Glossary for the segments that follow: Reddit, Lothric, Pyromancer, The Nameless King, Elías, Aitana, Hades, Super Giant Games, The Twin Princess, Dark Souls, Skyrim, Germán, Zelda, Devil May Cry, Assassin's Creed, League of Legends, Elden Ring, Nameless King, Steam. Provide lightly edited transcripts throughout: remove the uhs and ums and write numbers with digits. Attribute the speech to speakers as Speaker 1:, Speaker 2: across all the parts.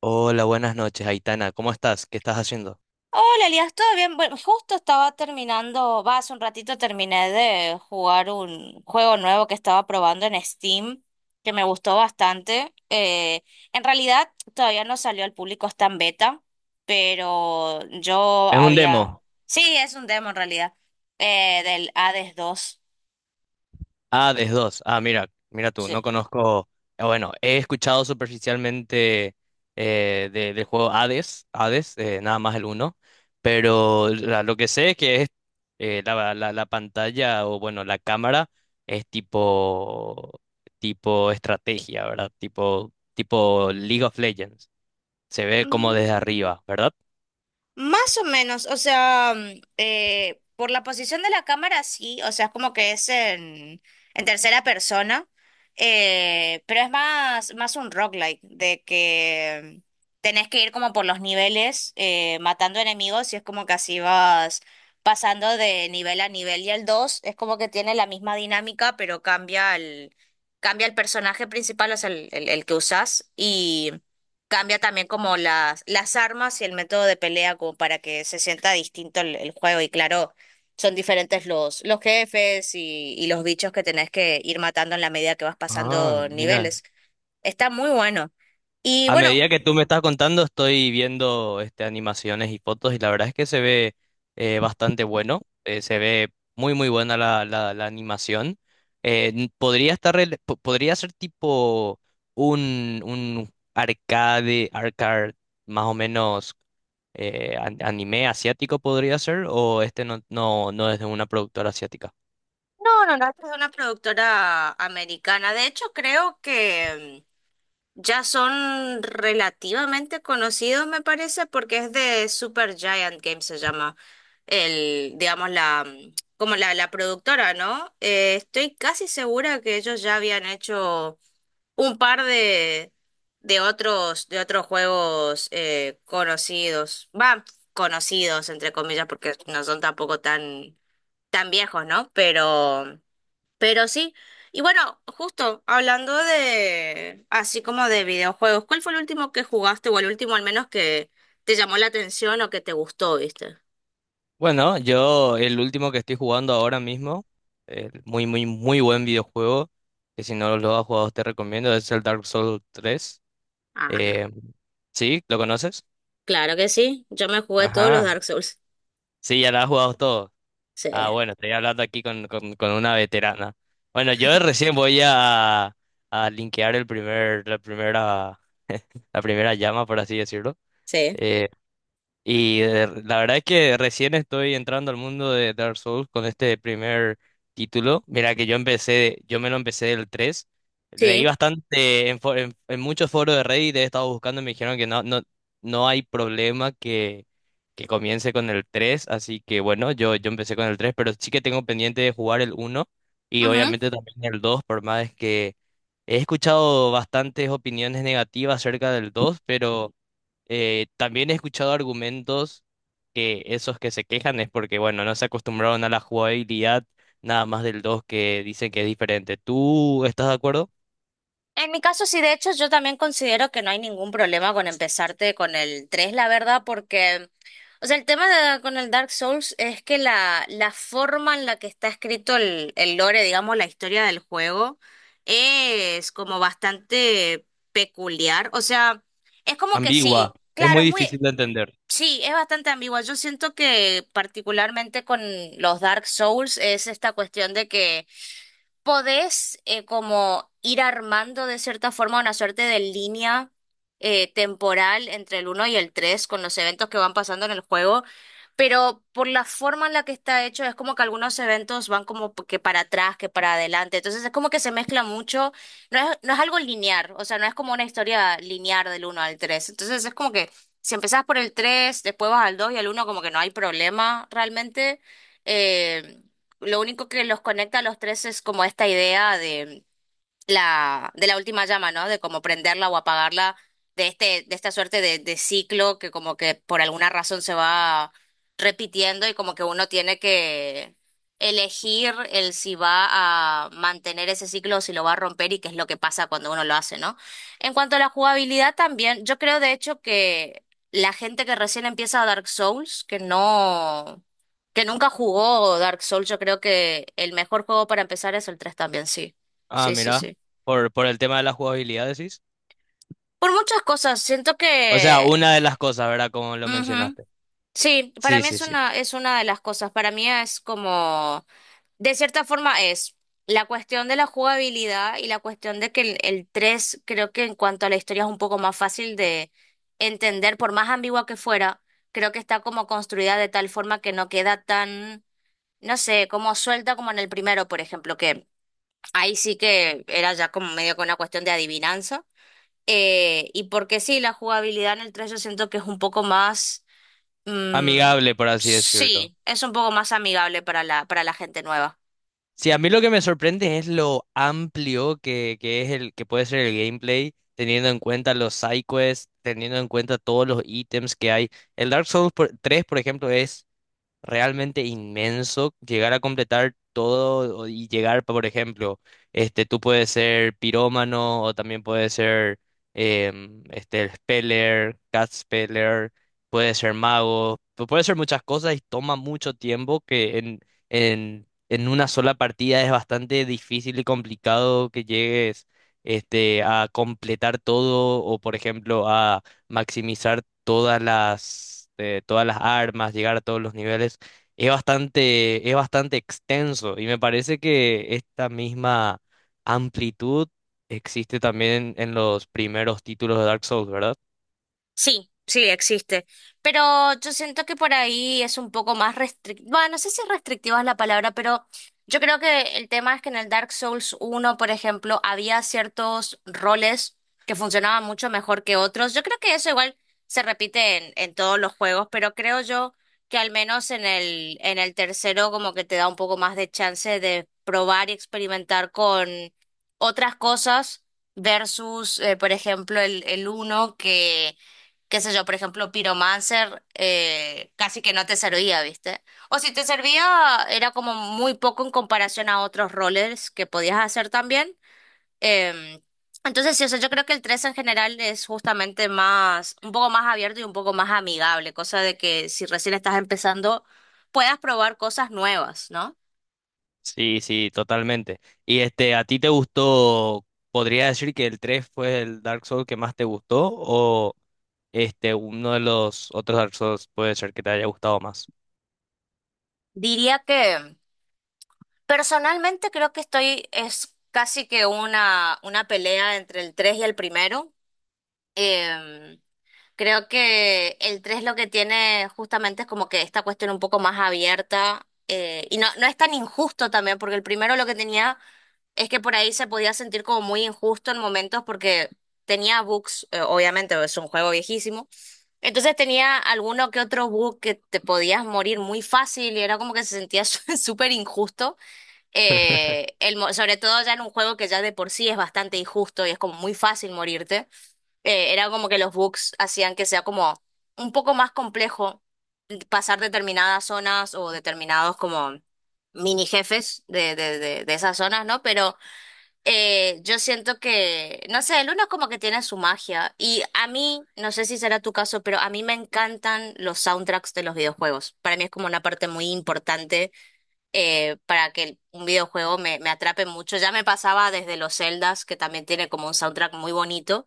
Speaker 1: Hola, buenas noches, Aitana. ¿Cómo estás? ¿Qué estás haciendo?
Speaker 2: Hola, Elías, ¿todo bien? Bueno, justo estaba terminando, va, hace un ratito terminé de jugar un juego nuevo que estaba probando en Steam, que me gustó bastante. En realidad todavía no salió al público, está en beta, pero yo
Speaker 1: Es un
Speaker 2: había...
Speaker 1: demo.
Speaker 2: Sí, es un demo en realidad, del Hades dos.
Speaker 1: Ah, des 2. Ah, mira, mira tú, no conozco. Ah, bueno, he escuchado superficialmente del juego Hades, Hades, nada más el uno, pero lo que sé es que es, la pantalla o bueno, la cámara es tipo tipo estrategia, ¿verdad? Tipo tipo League of Legends. Se ve como
Speaker 2: Sí.
Speaker 1: desde arriba, ¿verdad?
Speaker 2: Más o menos, o sea, por la posición de la cámara sí, o sea, es como que es en tercera persona, pero es más un roguelike, de que tenés que ir como por los niveles, matando enemigos y es como que así vas pasando de nivel a nivel y el 2 es como que tiene la misma dinámica, pero cambia el personaje principal, o sea, el que usás cambia también como las armas y el método de pelea como para que se sienta distinto el juego y claro, son diferentes los jefes y los bichos que tenés que ir matando en la medida que vas
Speaker 1: Ah,
Speaker 2: pasando
Speaker 1: mira.
Speaker 2: niveles. Está muy bueno. Y
Speaker 1: A
Speaker 2: bueno,
Speaker 1: medida que tú me estás contando, estoy viendo animaciones y fotos, y la verdad es que se ve bastante bueno. Se ve muy muy buena la animación. Podría podría ser tipo un arcade, arcade más o menos. Anime asiático podría ser, o este no, no, no es de una productora asiática.
Speaker 2: no, no, no, es una productora americana. De hecho, creo que ya son relativamente conocidos, me parece, porque es de Super Giant Games, se llama digamos, la, como la productora, ¿no? Estoy casi segura que ellos ya habían hecho un par de otros juegos conocidos. Va, conocidos, entre comillas, porque no son tampoco tan, tan viejos, ¿no? Pero. Pero sí, y bueno, justo hablando de, así como de videojuegos, ¿cuál fue el último que jugaste o el último al menos que te llamó la atención o que te gustó, viste?
Speaker 1: Bueno, yo el último que estoy jugando ahora mismo, el muy, muy, muy buen videojuego, que si no lo has jugado te recomiendo, es el Dark Souls tres. Eh,
Speaker 2: Ajá,
Speaker 1: ¿Sí? ¿Lo conoces?
Speaker 2: claro que sí, yo me jugué todos los
Speaker 1: Ajá.
Speaker 2: Dark Souls.
Speaker 1: Sí, ya lo has jugado todo.
Speaker 2: Sí,
Speaker 1: Ah, bueno, estoy hablando aquí con, con una veterana. Bueno, yo recién voy a linkear el la primera, la primera llama, por así decirlo.
Speaker 2: sí,
Speaker 1: Eh, Y la verdad es que recién estoy entrando al mundo de Dark Souls con este primer título. Mira que yo empecé, yo me lo empecé del tres. Leí
Speaker 2: sí.
Speaker 1: bastante en muchos foros de Reddit, he estado buscando y me dijeron que no, no, no hay problema, que comience con el tres. Así que bueno, yo empecé con el tres, pero sí que tengo pendiente de jugar el uno, y
Speaker 2: Ujú.
Speaker 1: obviamente también el dos, por más que he escuchado bastantes opiniones negativas acerca del dos, pero... También he escuchado argumentos que esos que se quejan es porque, bueno, no se acostumbraron a la jugabilidad nada más del dos, que dicen que es diferente. ¿Tú estás de acuerdo?
Speaker 2: En mi caso, sí, de hecho, yo también considero que no hay ningún problema con empezarte con el 3, la verdad, porque, o sea, el tema con el Dark Souls es que la forma en la que está escrito el lore, digamos, la historia del juego, es como bastante peculiar. O sea, es como que
Speaker 1: Ambigua.
Speaker 2: sí,
Speaker 1: Es
Speaker 2: claro,
Speaker 1: muy difícil de entender.
Speaker 2: sí, es bastante ambigua. Yo siento que particularmente con los Dark Souls es esta cuestión de que podés como ir armando de cierta forma una suerte de línea temporal entre el uno y el 3 con los eventos que van pasando en el juego, pero por la forma en la que está hecho es como que algunos eventos van como que para atrás, que para adelante, entonces es como que se mezcla mucho, no es algo lineal, o sea, no es como una historia lineal del uno al 3 entonces es como que si empezás por el 3 después vas al 2 y al uno como que no hay problema realmente. eh, lo único que los conecta a los tres es como esta idea de la última llama, ¿no? De cómo prenderla o apagarla, de esta suerte de ciclo que como que por alguna razón se va repitiendo y como que uno tiene que elegir el si va a mantener ese ciclo o si lo va a romper y qué es lo que pasa cuando uno lo hace, ¿no? En cuanto a la jugabilidad también, yo creo de hecho que la gente que recién empieza a Dark Souls, que nunca jugó Dark Souls, yo creo que el mejor juego para empezar es el 3 también, sí.
Speaker 1: Ah,
Speaker 2: Sí, sí,
Speaker 1: mira,
Speaker 2: sí.
Speaker 1: por el tema de la jugabilidad, decís.
Speaker 2: Por muchas cosas, siento
Speaker 1: O sea,
Speaker 2: que...
Speaker 1: una de las cosas, ¿verdad? Como lo
Speaker 2: ujú.
Speaker 1: mencionaste.
Speaker 2: Sí, para
Speaker 1: Sí,
Speaker 2: mí
Speaker 1: sí,
Speaker 2: es
Speaker 1: sí.
Speaker 2: una, es una de las cosas. Para mí es como, de cierta forma es la cuestión de la jugabilidad y la cuestión de que el 3 creo que en cuanto a la historia es un poco más fácil de entender, por más ambigua que fuera, creo que está como construida de tal forma que no queda tan, no sé, como suelta como en el primero, por ejemplo, que ahí sí que era ya como medio con una cuestión de adivinanza. Y porque sí, la jugabilidad en el 3 yo siento que es un poco más... mm,
Speaker 1: Amigable, por así decirlo.
Speaker 2: sí, es un poco más amigable para la gente nueva.
Speaker 1: Sí, a mí lo que me sorprende es lo amplio que es el que puede ser el gameplay, teniendo en cuenta los side quests, teniendo en cuenta todos los ítems que hay. El Dark Souls 3, por ejemplo, es realmente inmenso llegar a completar todo y llegar, por ejemplo, tú puedes ser pirómano o también puedes ser speller, cat speller, puedes ser mago, puedes ser muchas cosas y toma mucho tiempo que en una sola partida es bastante difícil y complicado que llegues, a completar todo o, por ejemplo, a maximizar todas todas las armas, llegar a todos los niveles. Es bastante, es bastante extenso y me parece que esta misma amplitud existe también en los primeros títulos de Dark Souls, ¿verdad?
Speaker 2: Sí, sí, existe. Pero yo siento que por ahí es un poco más restrictiva. Bueno, no sé si restrictiva es la palabra, pero yo creo que el tema es que en el Dark Souls uno, por ejemplo, había ciertos roles que funcionaban mucho mejor que otros. Yo creo que eso igual se repite en todos los juegos, pero creo yo que al menos en el tercero como que te da un poco más de chance de probar y experimentar con otras cosas versus, por ejemplo, el uno que qué sé yo, por ejemplo, Pyromancer casi que no te servía, ¿viste? O si te servía, era como muy poco en comparación a otros roles que podías hacer también. Em, entonces, sí, o sea, yo creo que el 3 en general es justamente más, un poco más abierto y un poco más amigable, cosa de que si recién estás empezando, puedas probar cosas nuevas, ¿no?
Speaker 1: Sí, sí, totalmente. Y este, ¿a ti te gustó? ¿Podría decir que el 3 fue el Dark Souls que más te gustó, o este uno de los otros Dark Souls puede ser que te haya gustado más?
Speaker 2: Diría que personalmente creo que estoy, es casi que una pelea entre el 3 y el primero. Em, Creo que el 3 lo que tiene justamente es como que esta cuestión un poco más abierta y no es tan injusto también, porque el primero lo que tenía es que por ahí se podía sentir como muy injusto en momentos porque tenía bugs, obviamente es un juego viejísimo, entonces tenía alguno que otro bug que te podías morir muy fácil y era como que se sentía súper injusto, sobre todo ya en un juego que ya de por sí es bastante injusto y es como muy fácil morirte era como que los bugs hacían que sea como un poco más complejo pasar determinadas zonas o determinados como mini jefes de esas zonas, ¿no? Pero yo siento que, no sé, el uno como que tiene su magia y a mí, no sé si será tu caso, pero a mí me encantan los soundtracks de los videojuegos. Para mí es como una parte muy importante para que un videojuego me atrape mucho. Ya me pasaba desde los Zeldas, que también tiene como un soundtrack muy bonito.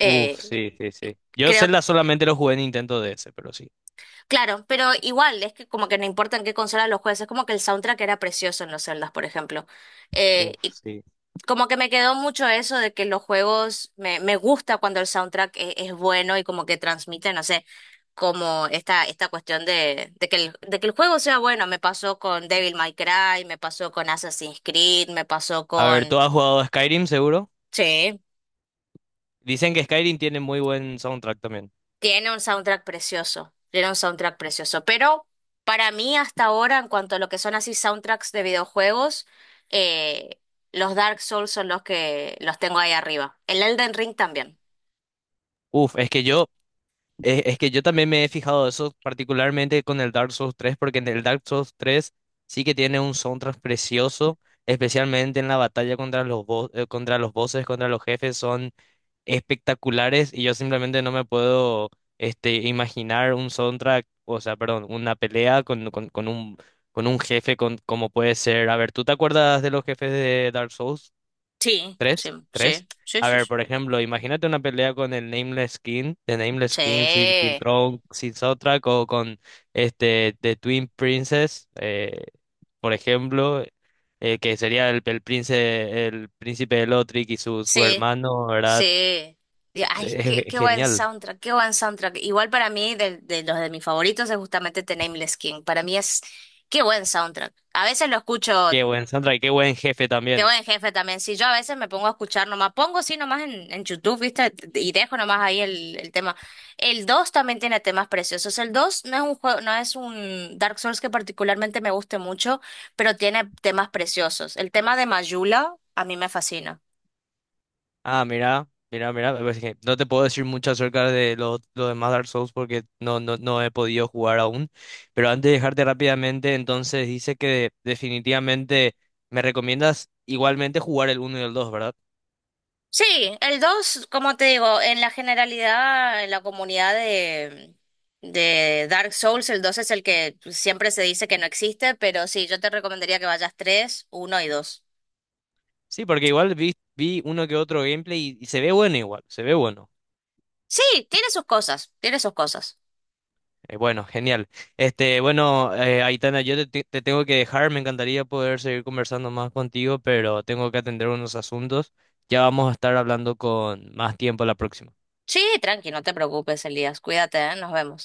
Speaker 1: Uf, sí, sí, sí. Yo
Speaker 2: creo
Speaker 1: Zelda solamente lo jugué en Nintendo DS, pero sí.
Speaker 2: Claro, pero igual, es que como que no importa en qué consola los jueces, es como que el soundtrack era precioso en los Zeldas, por ejemplo.
Speaker 1: Uf,
Speaker 2: Y
Speaker 1: sí.
Speaker 2: como que me quedó mucho eso de que los juegos, me gusta cuando el soundtrack es, bueno y como que transmite, no sé, como esta cuestión de que el juego sea bueno. Me pasó con Devil May Cry, me pasó con Assassin's Creed, me pasó
Speaker 1: A ver,
Speaker 2: con...
Speaker 1: ¿tú has jugado a Skyrim seguro?
Speaker 2: Sí.
Speaker 1: Dicen que Skyrim tiene muy buen soundtrack también.
Speaker 2: Tiene un soundtrack precioso, tiene un soundtrack precioso, pero para mí hasta ahora, en cuanto a lo que son así soundtracks de videojuegos, eh, los Dark Souls son los que los tengo ahí arriba. El Elden Ring también.
Speaker 1: Uf, es que yo también me he fijado eso particularmente con el Dark Souls tres, porque en el Dark Souls tres sí que tiene un soundtrack precioso, especialmente en la batalla contra contra los bosses, contra los jefes, son espectaculares, y yo simplemente no me puedo, imaginar un soundtrack, o sea, perdón, una pelea con, con un jefe con, como puede ser. A ver, ¿tú te acuerdas de los jefes de Dark Souls
Speaker 2: Sí, sí,
Speaker 1: tres
Speaker 2: sí, sí,
Speaker 1: A
Speaker 2: sí,
Speaker 1: ver, por
Speaker 2: sí.
Speaker 1: ejemplo, imagínate una pelea con el Nameless King, de Nameless King
Speaker 2: Sí,
Speaker 1: sin soundtrack, o con The Twin Princess, por ejemplo, que sería príncipe, el príncipe de Lothric y su
Speaker 2: sí,
Speaker 1: hermano, ¿verdad?
Speaker 2: sí.
Speaker 1: Entonces,
Speaker 2: Ay,
Speaker 1: es
Speaker 2: qué, qué buen
Speaker 1: genial.
Speaker 2: soundtrack, qué buen soundtrack. Igual para mí, de los de mis favoritos es justamente The Nameless King. Para mí es, qué buen soundtrack. A veces lo escucho.
Speaker 1: Qué buen Sandra y qué buen jefe
Speaker 2: Qué
Speaker 1: también.
Speaker 2: buen jefe también. Si yo a veces me pongo a escuchar nomás, pongo así nomás en YouTube, ¿viste? Y dejo nomás ahí el tema. El 2 también tiene temas preciosos. El 2 no es un juego, no es un Dark Souls que particularmente me guste mucho, pero tiene temas preciosos. El tema de Mayula a mí me fascina.
Speaker 1: Ah, mira, mira, mira, pues que no te puedo decir mucho acerca de lo demás Dark Souls porque no, no, no he podido jugar aún. Pero antes de dejarte rápidamente, entonces dice que definitivamente me recomiendas igualmente jugar el uno y el dos, ¿verdad?
Speaker 2: Sí, el 2 como te digo, en la generalidad, en la comunidad de Dark Souls, el 2 es el que siempre se dice que no existe, pero sí, yo te recomendaría que vayas tres uno y dos.
Speaker 1: Sí, porque igual vi, vi uno que otro gameplay y se ve bueno igual, se ve bueno.
Speaker 2: Sí, tiene sus cosas, tiene sus cosas.
Speaker 1: Bueno, genial. Aitana, yo te, te tengo que dejar. Me encantaría poder seguir conversando más contigo, pero tengo que atender unos asuntos. Ya vamos a estar hablando con más tiempo la próxima.
Speaker 2: Sí, tranqui, no te preocupes, Elías. Cuídate, ¿eh? Nos vemos.